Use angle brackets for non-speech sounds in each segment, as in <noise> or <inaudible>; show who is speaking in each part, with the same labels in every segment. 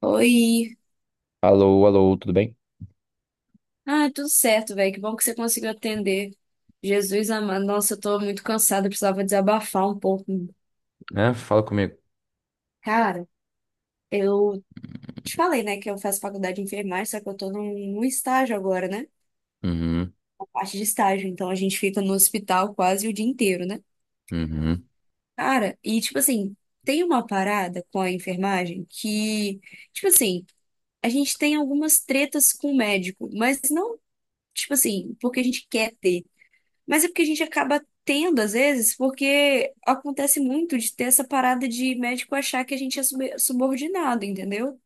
Speaker 1: Oi.
Speaker 2: Alô, alô, tudo bem?
Speaker 1: Ah, tudo certo, velho. Que bom que você conseguiu atender. Jesus amado. Nossa, eu tô muito cansada, eu precisava desabafar um pouco.
Speaker 2: É, fala comigo.
Speaker 1: Cara, eu te falei, né, que eu faço faculdade de enfermagem, só que eu tô num estágio agora, né?
Speaker 2: Uhum,
Speaker 1: A parte de estágio. Então a gente fica no hospital quase o dia inteiro, né?
Speaker 2: uhum.
Speaker 1: Cara, e tipo assim, tem uma parada com a enfermagem que, tipo assim, a gente tem algumas tretas com o médico, mas não, tipo assim, porque a gente quer ter. Mas é porque a gente acaba tendo, às vezes, porque acontece muito de ter essa parada de médico achar que a gente é subordinado, entendeu?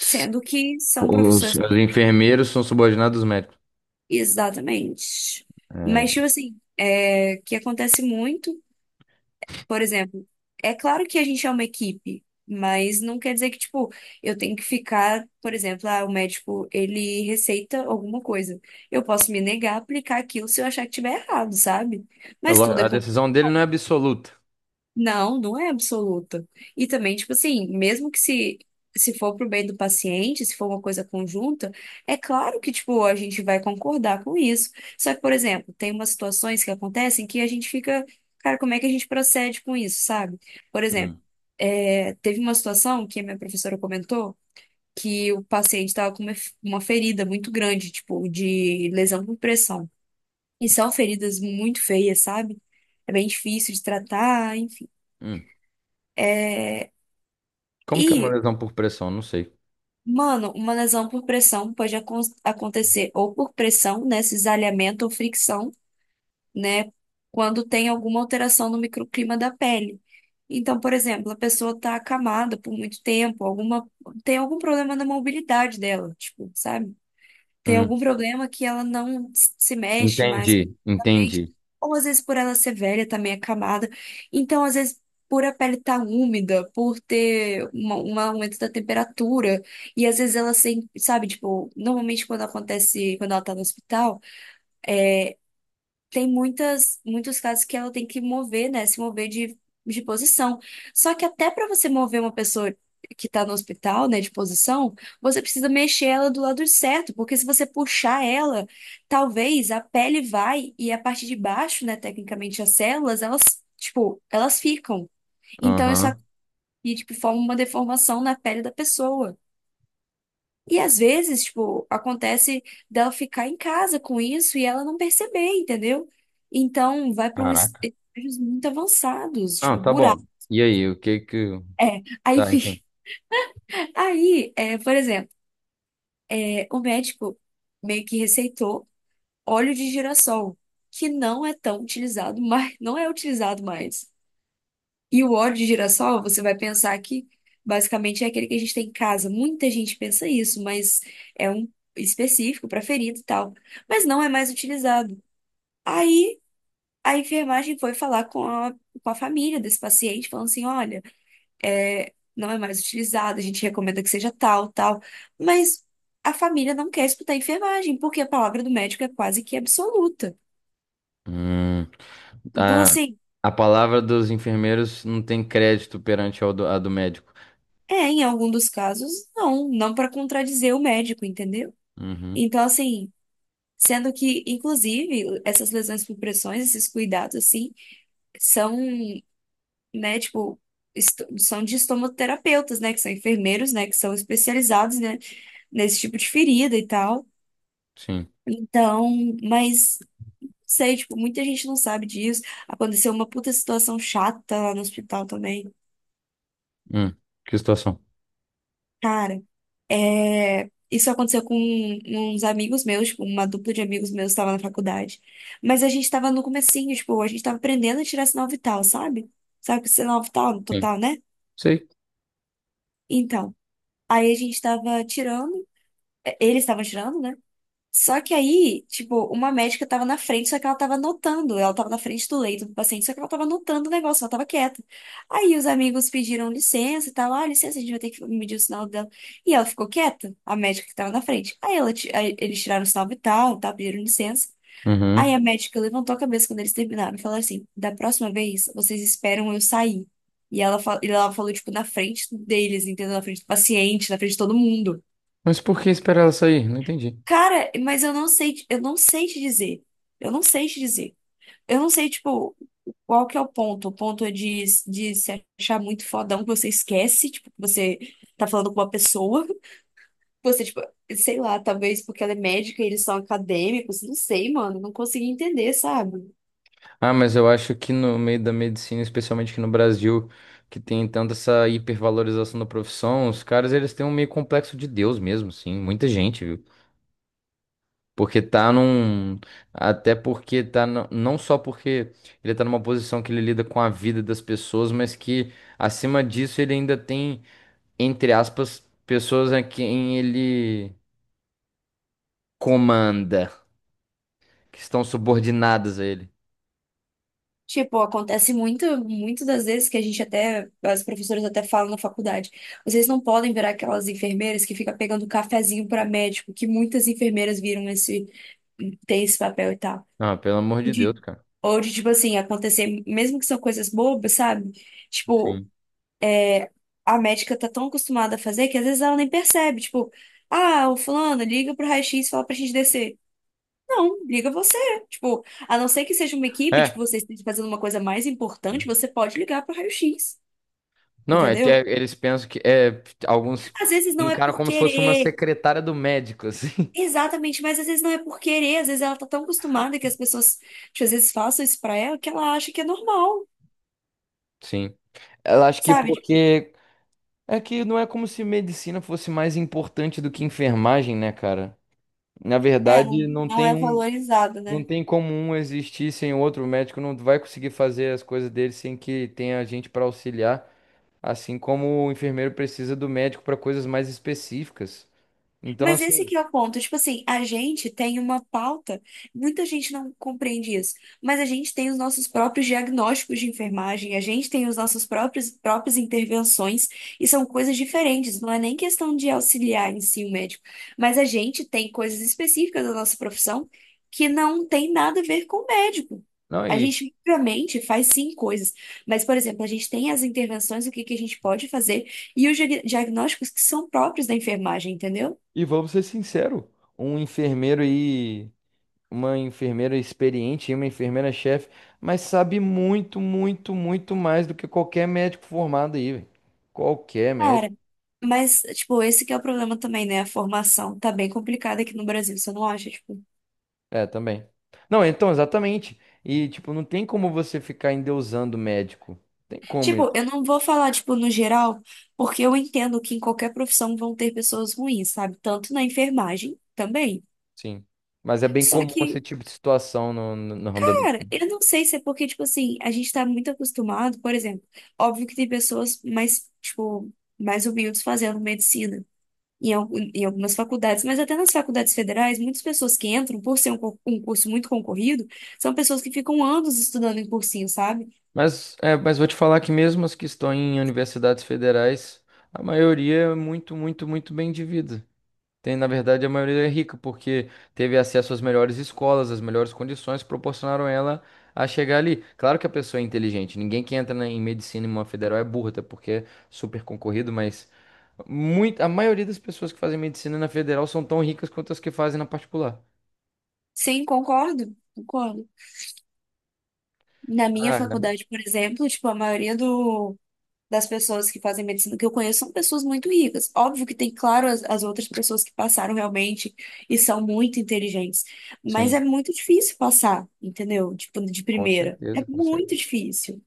Speaker 1: Sendo que são
Speaker 2: Os,
Speaker 1: profissões
Speaker 2: os
Speaker 1: completamente...
Speaker 2: enfermeiros são subordinados aos médicos.
Speaker 1: Exatamente. Mas,
Speaker 2: É,
Speaker 1: tipo assim, é, que acontece muito, por exemplo, é claro que a gente é uma equipe, mas não quer dizer que, tipo, eu tenho que ficar, por exemplo, ah, o médico, ele receita alguma coisa. Eu posso me negar a aplicar aquilo se eu achar que tiver errado, sabe? Mas tudo
Speaker 2: a
Speaker 1: é...
Speaker 2: decisão dele não é absoluta.
Speaker 1: Não, não é absoluta. E também, tipo assim, mesmo que se for pro bem do paciente, se for uma coisa conjunta, é claro que, tipo, a gente vai concordar com isso. Só que, por exemplo, tem umas situações que acontecem que a gente fica, cara, como é que a gente procede com isso, sabe? Por exemplo,
Speaker 2: Hum,
Speaker 1: é, teve uma situação que a minha professora comentou que o paciente estava com uma ferida muito grande, tipo, de lesão por pressão. E são feridas muito feias, sabe? É bem difícil de tratar, enfim.
Speaker 2: hum. Como que é uma lesão por pressão? Não sei.
Speaker 1: Mano, uma lesão por pressão pode acontecer ou por pressão, né, cisalhamento ou fricção, né, quando tem alguma alteração no microclima da pele. Então, por exemplo, a pessoa está acamada por muito tempo, alguma tem algum problema na mobilidade dela, tipo, sabe? Tem
Speaker 2: Hum,
Speaker 1: algum problema que ela não se mexe mais
Speaker 2: entendi,
Speaker 1: completamente,
Speaker 2: entendi.
Speaker 1: ou às vezes por ela ser velha, tá meio acamada. Então, às vezes, por a pele estar úmida, por ter um aumento da temperatura, e às vezes ela sem, sabe, tipo, normalmente quando acontece, quando ela tá no hospital tem muitos casos que ela tem que mover, né? Se mover de posição. Só que até para você mover uma pessoa que tá no hospital, né, de posição, você precisa mexer ela do lado certo, porque se você puxar ela, talvez a pele vai e a parte de baixo, né, tecnicamente as células, elas, tipo, elas ficam. Então isso
Speaker 2: Aham.
Speaker 1: aqui, tipo, forma uma deformação na pele da pessoa. E às vezes, tipo, acontece dela ficar em casa com isso e ela não perceber, entendeu? Então, vai para uns
Speaker 2: Caraca.
Speaker 1: estágios muito avançados, tipo,
Speaker 2: Não, tá bom.
Speaker 1: buraco.
Speaker 2: E aí, o que que.
Speaker 1: É, aí,
Speaker 2: Tá,
Speaker 1: fi-...
Speaker 2: enfim.
Speaker 1: <laughs> Aí, é, por exemplo, é, o médico meio que receitou óleo de girassol, que não é tão utilizado <laughs> mais, não é utilizado mais. E o óleo de girassol, você vai pensar que basicamente é aquele que a gente tem em casa. Muita gente pensa isso, mas é um específico para ferido e tal. Mas não é mais utilizado. Aí a enfermagem foi falar com a família desse paciente, falando assim: olha, é, não é mais utilizado, a gente recomenda que seja tal, tal. Mas a família não quer escutar a enfermagem, porque a palavra do médico é quase que absoluta.
Speaker 2: Hum,
Speaker 1: Então,
Speaker 2: a,
Speaker 1: assim,
Speaker 2: a palavra dos enfermeiros não tem crédito perante ao a do médico.
Speaker 1: é, em algum dos casos, não, não para contradizer o médico, entendeu?
Speaker 2: Uhum,
Speaker 1: Então, assim. Sendo que, inclusive, essas lesões por pressões, esses cuidados, assim, são, né, tipo, são de estomoterapeutas, né, que são enfermeiros, né, que são especializados, né, nesse tipo de ferida e tal.
Speaker 2: sim.
Speaker 1: Então, mas, sei, tipo, muita gente não sabe disso. Aconteceu uma puta situação chata lá no hospital também.
Speaker 2: Hum, que situação?
Speaker 1: Cara, é, isso aconteceu com uns amigos meus, tipo, uma dupla de amigos meus estava na faculdade. Mas a gente tava no comecinho, tipo, a gente tava aprendendo a tirar sinal vital, sabe? Sabe o que é sinal vital no
Speaker 2: Sim.
Speaker 1: total, né?
Speaker 2: Sei.
Speaker 1: Então, aí a gente tava tirando, é, eles estavam tirando, né? Só que aí, tipo, uma médica tava na frente, só que ela tava anotando. Ela tava na frente do leito do paciente, só que ela tava anotando o negócio, ela tava quieta. Aí os amigos pediram licença e tal. Ah, licença, a gente vai ter que medir o sinal dela. E ela ficou quieta, a médica que tava na frente. Aí eles tiraram o sinal vital e tal, pediram licença. Aí
Speaker 2: Uhum.
Speaker 1: a médica levantou a cabeça quando eles terminaram e falou assim: da próxima vez, vocês esperam eu sair. E ela falou, tipo, na frente deles, entendeu? Na frente do paciente, na frente de todo mundo.
Speaker 2: Mas por que esperar ela sair? Não entendi.
Speaker 1: Cara, mas eu não sei, eu não sei te dizer. Eu não sei te dizer. Eu não sei, tipo, qual que é o ponto. O ponto é de se achar muito fodão que você esquece, tipo, que você tá falando com uma pessoa. <laughs> Você, tipo, sei lá, talvez porque ela é médica e eles são acadêmicos. Não sei, mano. Não consegui entender, sabe?
Speaker 2: Ah, mas eu acho que no meio da medicina, especialmente aqui no Brasil, que tem tanta essa hipervalorização da profissão, os caras eles têm um meio complexo de Deus mesmo, sim. Muita gente, viu? Porque tá num. Até porque tá. Não só porque ele tá numa posição que ele lida com a vida das pessoas, mas que acima disso ele ainda tem, entre aspas, pessoas a quem ele comanda, que estão subordinadas a ele.
Speaker 1: Tipo, acontece muito, muito das vezes que a gente até, as professoras até falam na faculdade. Vocês não podem virar aquelas enfermeiras que fica pegando um cafezinho pra médico, que muitas enfermeiras viram esse, tem esse papel e tal.
Speaker 2: Ah, pelo amor de Deus,
Speaker 1: De,
Speaker 2: cara.
Speaker 1: ou de, tipo assim, acontecer, mesmo que são coisas bobas, sabe? Tipo,
Speaker 2: Sim.
Speaker 1: a médica tá tão acostumada a fazer que às vezes ela nem percebe. Tipo, ah, o fulano, liga pro raio-x e fala pra gente descer. Não, liga você. Tipo, a não ser que seja uma equipe, tipo,
Speaker 2: É,
Speaker 1: vocês estão fazendo uma coisa mais importante, você pode ligar pro raio-x.
Speaker 2: não, é, que, é,
Speaker 1: Entendeu?
Speaker 2: eles pensam que é, alguns
Speaker 1: Às vezes não é
Speaker 2: encaram
Speaker 1: por
Speaker 2: como se fosse uma
Speaker 1: querer.
Speaker 2: secretária do médico, assim.
Speaker 1: Exatamente, mas às vezes não é por querer. Às vezes ela tá tão acostumada que as pessoas, tipo, às vezes façam isso pra ela que ela acha que é normal.
Speaker 2: <laughs> Sim. Eu acho que
Speaker 1: Sabe?
Speaker 2: porque é que não é como se medicina fosse mais importante do que enfermagem, né, cara? Na
Speaker 1: É, não,
Speaker 2: verdade, não
Speaker 1: não
Speaker 2: tem
Speaker 1: é
Speaker 2: um,
Speaker 1: valorizado,
Speaker 2: não
Speaker 1: né?
Speaker 2: tem como um existir sem o outro. O médico não vai conseguir fazer as coisas dele sem que tenha gente para auxiliar, assim como o enfermeiro precisa do médico para coisas mais específicas. Então,
Speaker 1: Mas esse
Speaker 2: assim,
Speaker 1: que é o ponto. Tipo assim, a gente tem uma pauta, muita gente não compreende isso, mas a gente tem os nossos próprios diagnósticos de enfermagem, a gente tem os nossos próprios próprias intervenções, e são coisas diferentes, não é nem questão de auxiliar em si o médico, mas a gente tem coisas específicas da nossa profissão que não tem nada a ver com o médico.
Speaker 2: não,
Speaker 1: A
Speaker 2: e
Speaker 1: gente, obviamente, faz sim coisas, mas, por exemplo, a gente tem as intervenções, o que que a gente pode fazer, e os diagnósticos que são próprios da enfermagem, entendeu?
Speaker 2: E vamos ser sinceros, um enfermeiro e uma enfermeira experiente e uma enfermeira chefe, mas sabe muito, muito, muito mais do que qualquer médico formado aí, velho. Qualquer
Speaker 1: Cara,
Speaker 2: médico.
Speaker 1: mas, tipo, esse que é o problema também, né? A formação tá bem complicada aqui no Brasil, você não acha? Tipo,
Speaker 2: É, também. Não, então, exatamente. E, tipo, não tem como você ficar endeusando médico. Tem como isso,
Speaker 1: tipo, eu não vou falar, tipo, no geral, porque eu entendo que em qualquer profissão vão ter pessoas ruins, sabe? Tanto na enfermagem também.
Speaker 2: sim. Mas é bem
Speaker 1: Só
Speaker 2: comum esse
Speaker 1: que,
Speaker 2: tipo de situação no ramo da
Speaker 1: cara,
Speaker 2: medicina.
Speaker 1: eu não sei se é porque, tipo assim, a gente tá muito acostumado, por exemplo, óbvio que tem pessoas mais, tipo, mais humildes fazendo medicina. Em algumas faculdades, mas até nas faculdades federais, muitas pessoas que entram, por ser um curso muito concorrido, são pessoas que ficam anos estudando em cursinho, sabe?
Speaker 2: Mas vou te falar que mesmo as que estão em universidades federais, a maioria é muito, muito, muito bem de vida. Tem, na verdade, a maioria é rica porque teve acesso às melhores escolas, às melhores condições, proporcionaram ela a chegar ali. Claro que a pessoa é inteligente, ninguém que entra em medicina em uma federal é burra, até porque é super concorrido, mas muito, a maioria das pessoas que fazem medicina na federal são tão ricas quanto as que fazem na particular.
Speaker 1: Sim, concordo, concordo. Na minha
Speaker 2: Ah, é.
Speaker 1: faculdade, por exemplo, tipo, a maioria das pessoas que fazem medicina que eu conheço são pessoas muito ricas. Óbvio que tem, claro, as outras pessoas que passaram realmente e são muito inteligentes, mas é
Speaker 2: Sim,
Speaker 1: muito difícil passar, entendeu? Tipo, de
Speaker 2: com
Speaker 1: primeira. É
Speaker 2: certeza, com certeza.
Speaker 1: muito difícil.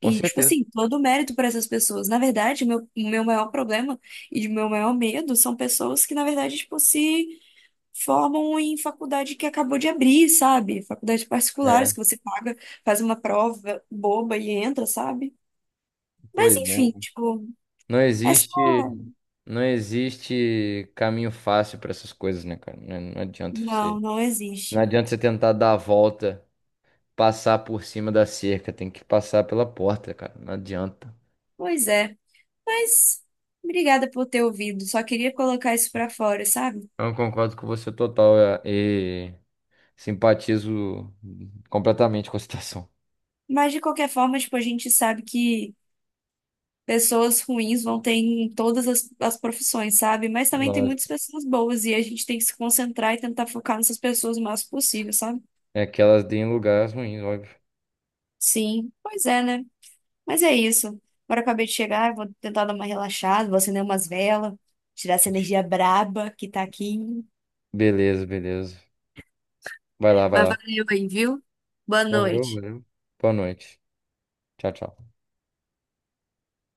Speaker 2: Com
Speaker 1: E, tipo
Speaker 2: certeza.
Speaker 1: assim, todo o mérito para essas pessoas. Na verdade, meu, o meu maior problema e de meu maior medo são pessoas que, na verdade, tipo, se formam em faculdade que acabou de abrir, sabe? Faculdades
Speaker 2: É,
Speaker 1: particulares que você paga, faz uma prova boba e entra, sabe? Mas,
Speaker 2: pois é.
Speaker 1: enfim, tipo,
Speaker 2: Não
Speaker 1: é só...
Speaker 2: existe, não existe caminho fácil para essas coisas, né, cara? Não, não adianta
Speaker 1: Não,
Speaker 2: você,
Speaker 1: não
Speaker 2: não
Speaker 1: existe.
Speaker 2: adianta você tentar dar a volta, passar por cima da cerca, tem que passar pela porta, cara. Não adianta.
Speaker 1: Pois é. Mas obrigada por ter ouvido. Só queria colocar isso pra fora, sabe?
Speaker 2: Então, eu concordo com você total é, e simpatizo completamente com a <laughs> situação.
Speaker 1: Mas, de qualquer forma, tipo, a gente sabe que pessoas ruins vão ter em todas as profissões, sabe? Mas também tem
Speaker 2: Lógico.
Speaker 1: muitas pessoas boas e a gente tem que se concentrar e tentar focar nessas pessoas o máximo possível, sabe?
Speaker 2: É que elas deem lugares ruins, óbvio.
Speaker 1: Sim, pois é, né? Mas é isso. Agora eu acabei de chegar, eu vou tentar dar uma relaxada, vou acender umas velas, tirar essa energia braba que tá aqui.
Speaker 2: Beleza, beleza. Vai lá, vai
Speaker 1: Mas
Speaker 2: lá.
Speaker 1: valeu aí, viu? Boa
Speaker 2: Valeu,
Speaker 1: noite.
Speaker 2: valeu. Boa noite. Tchau, tchau.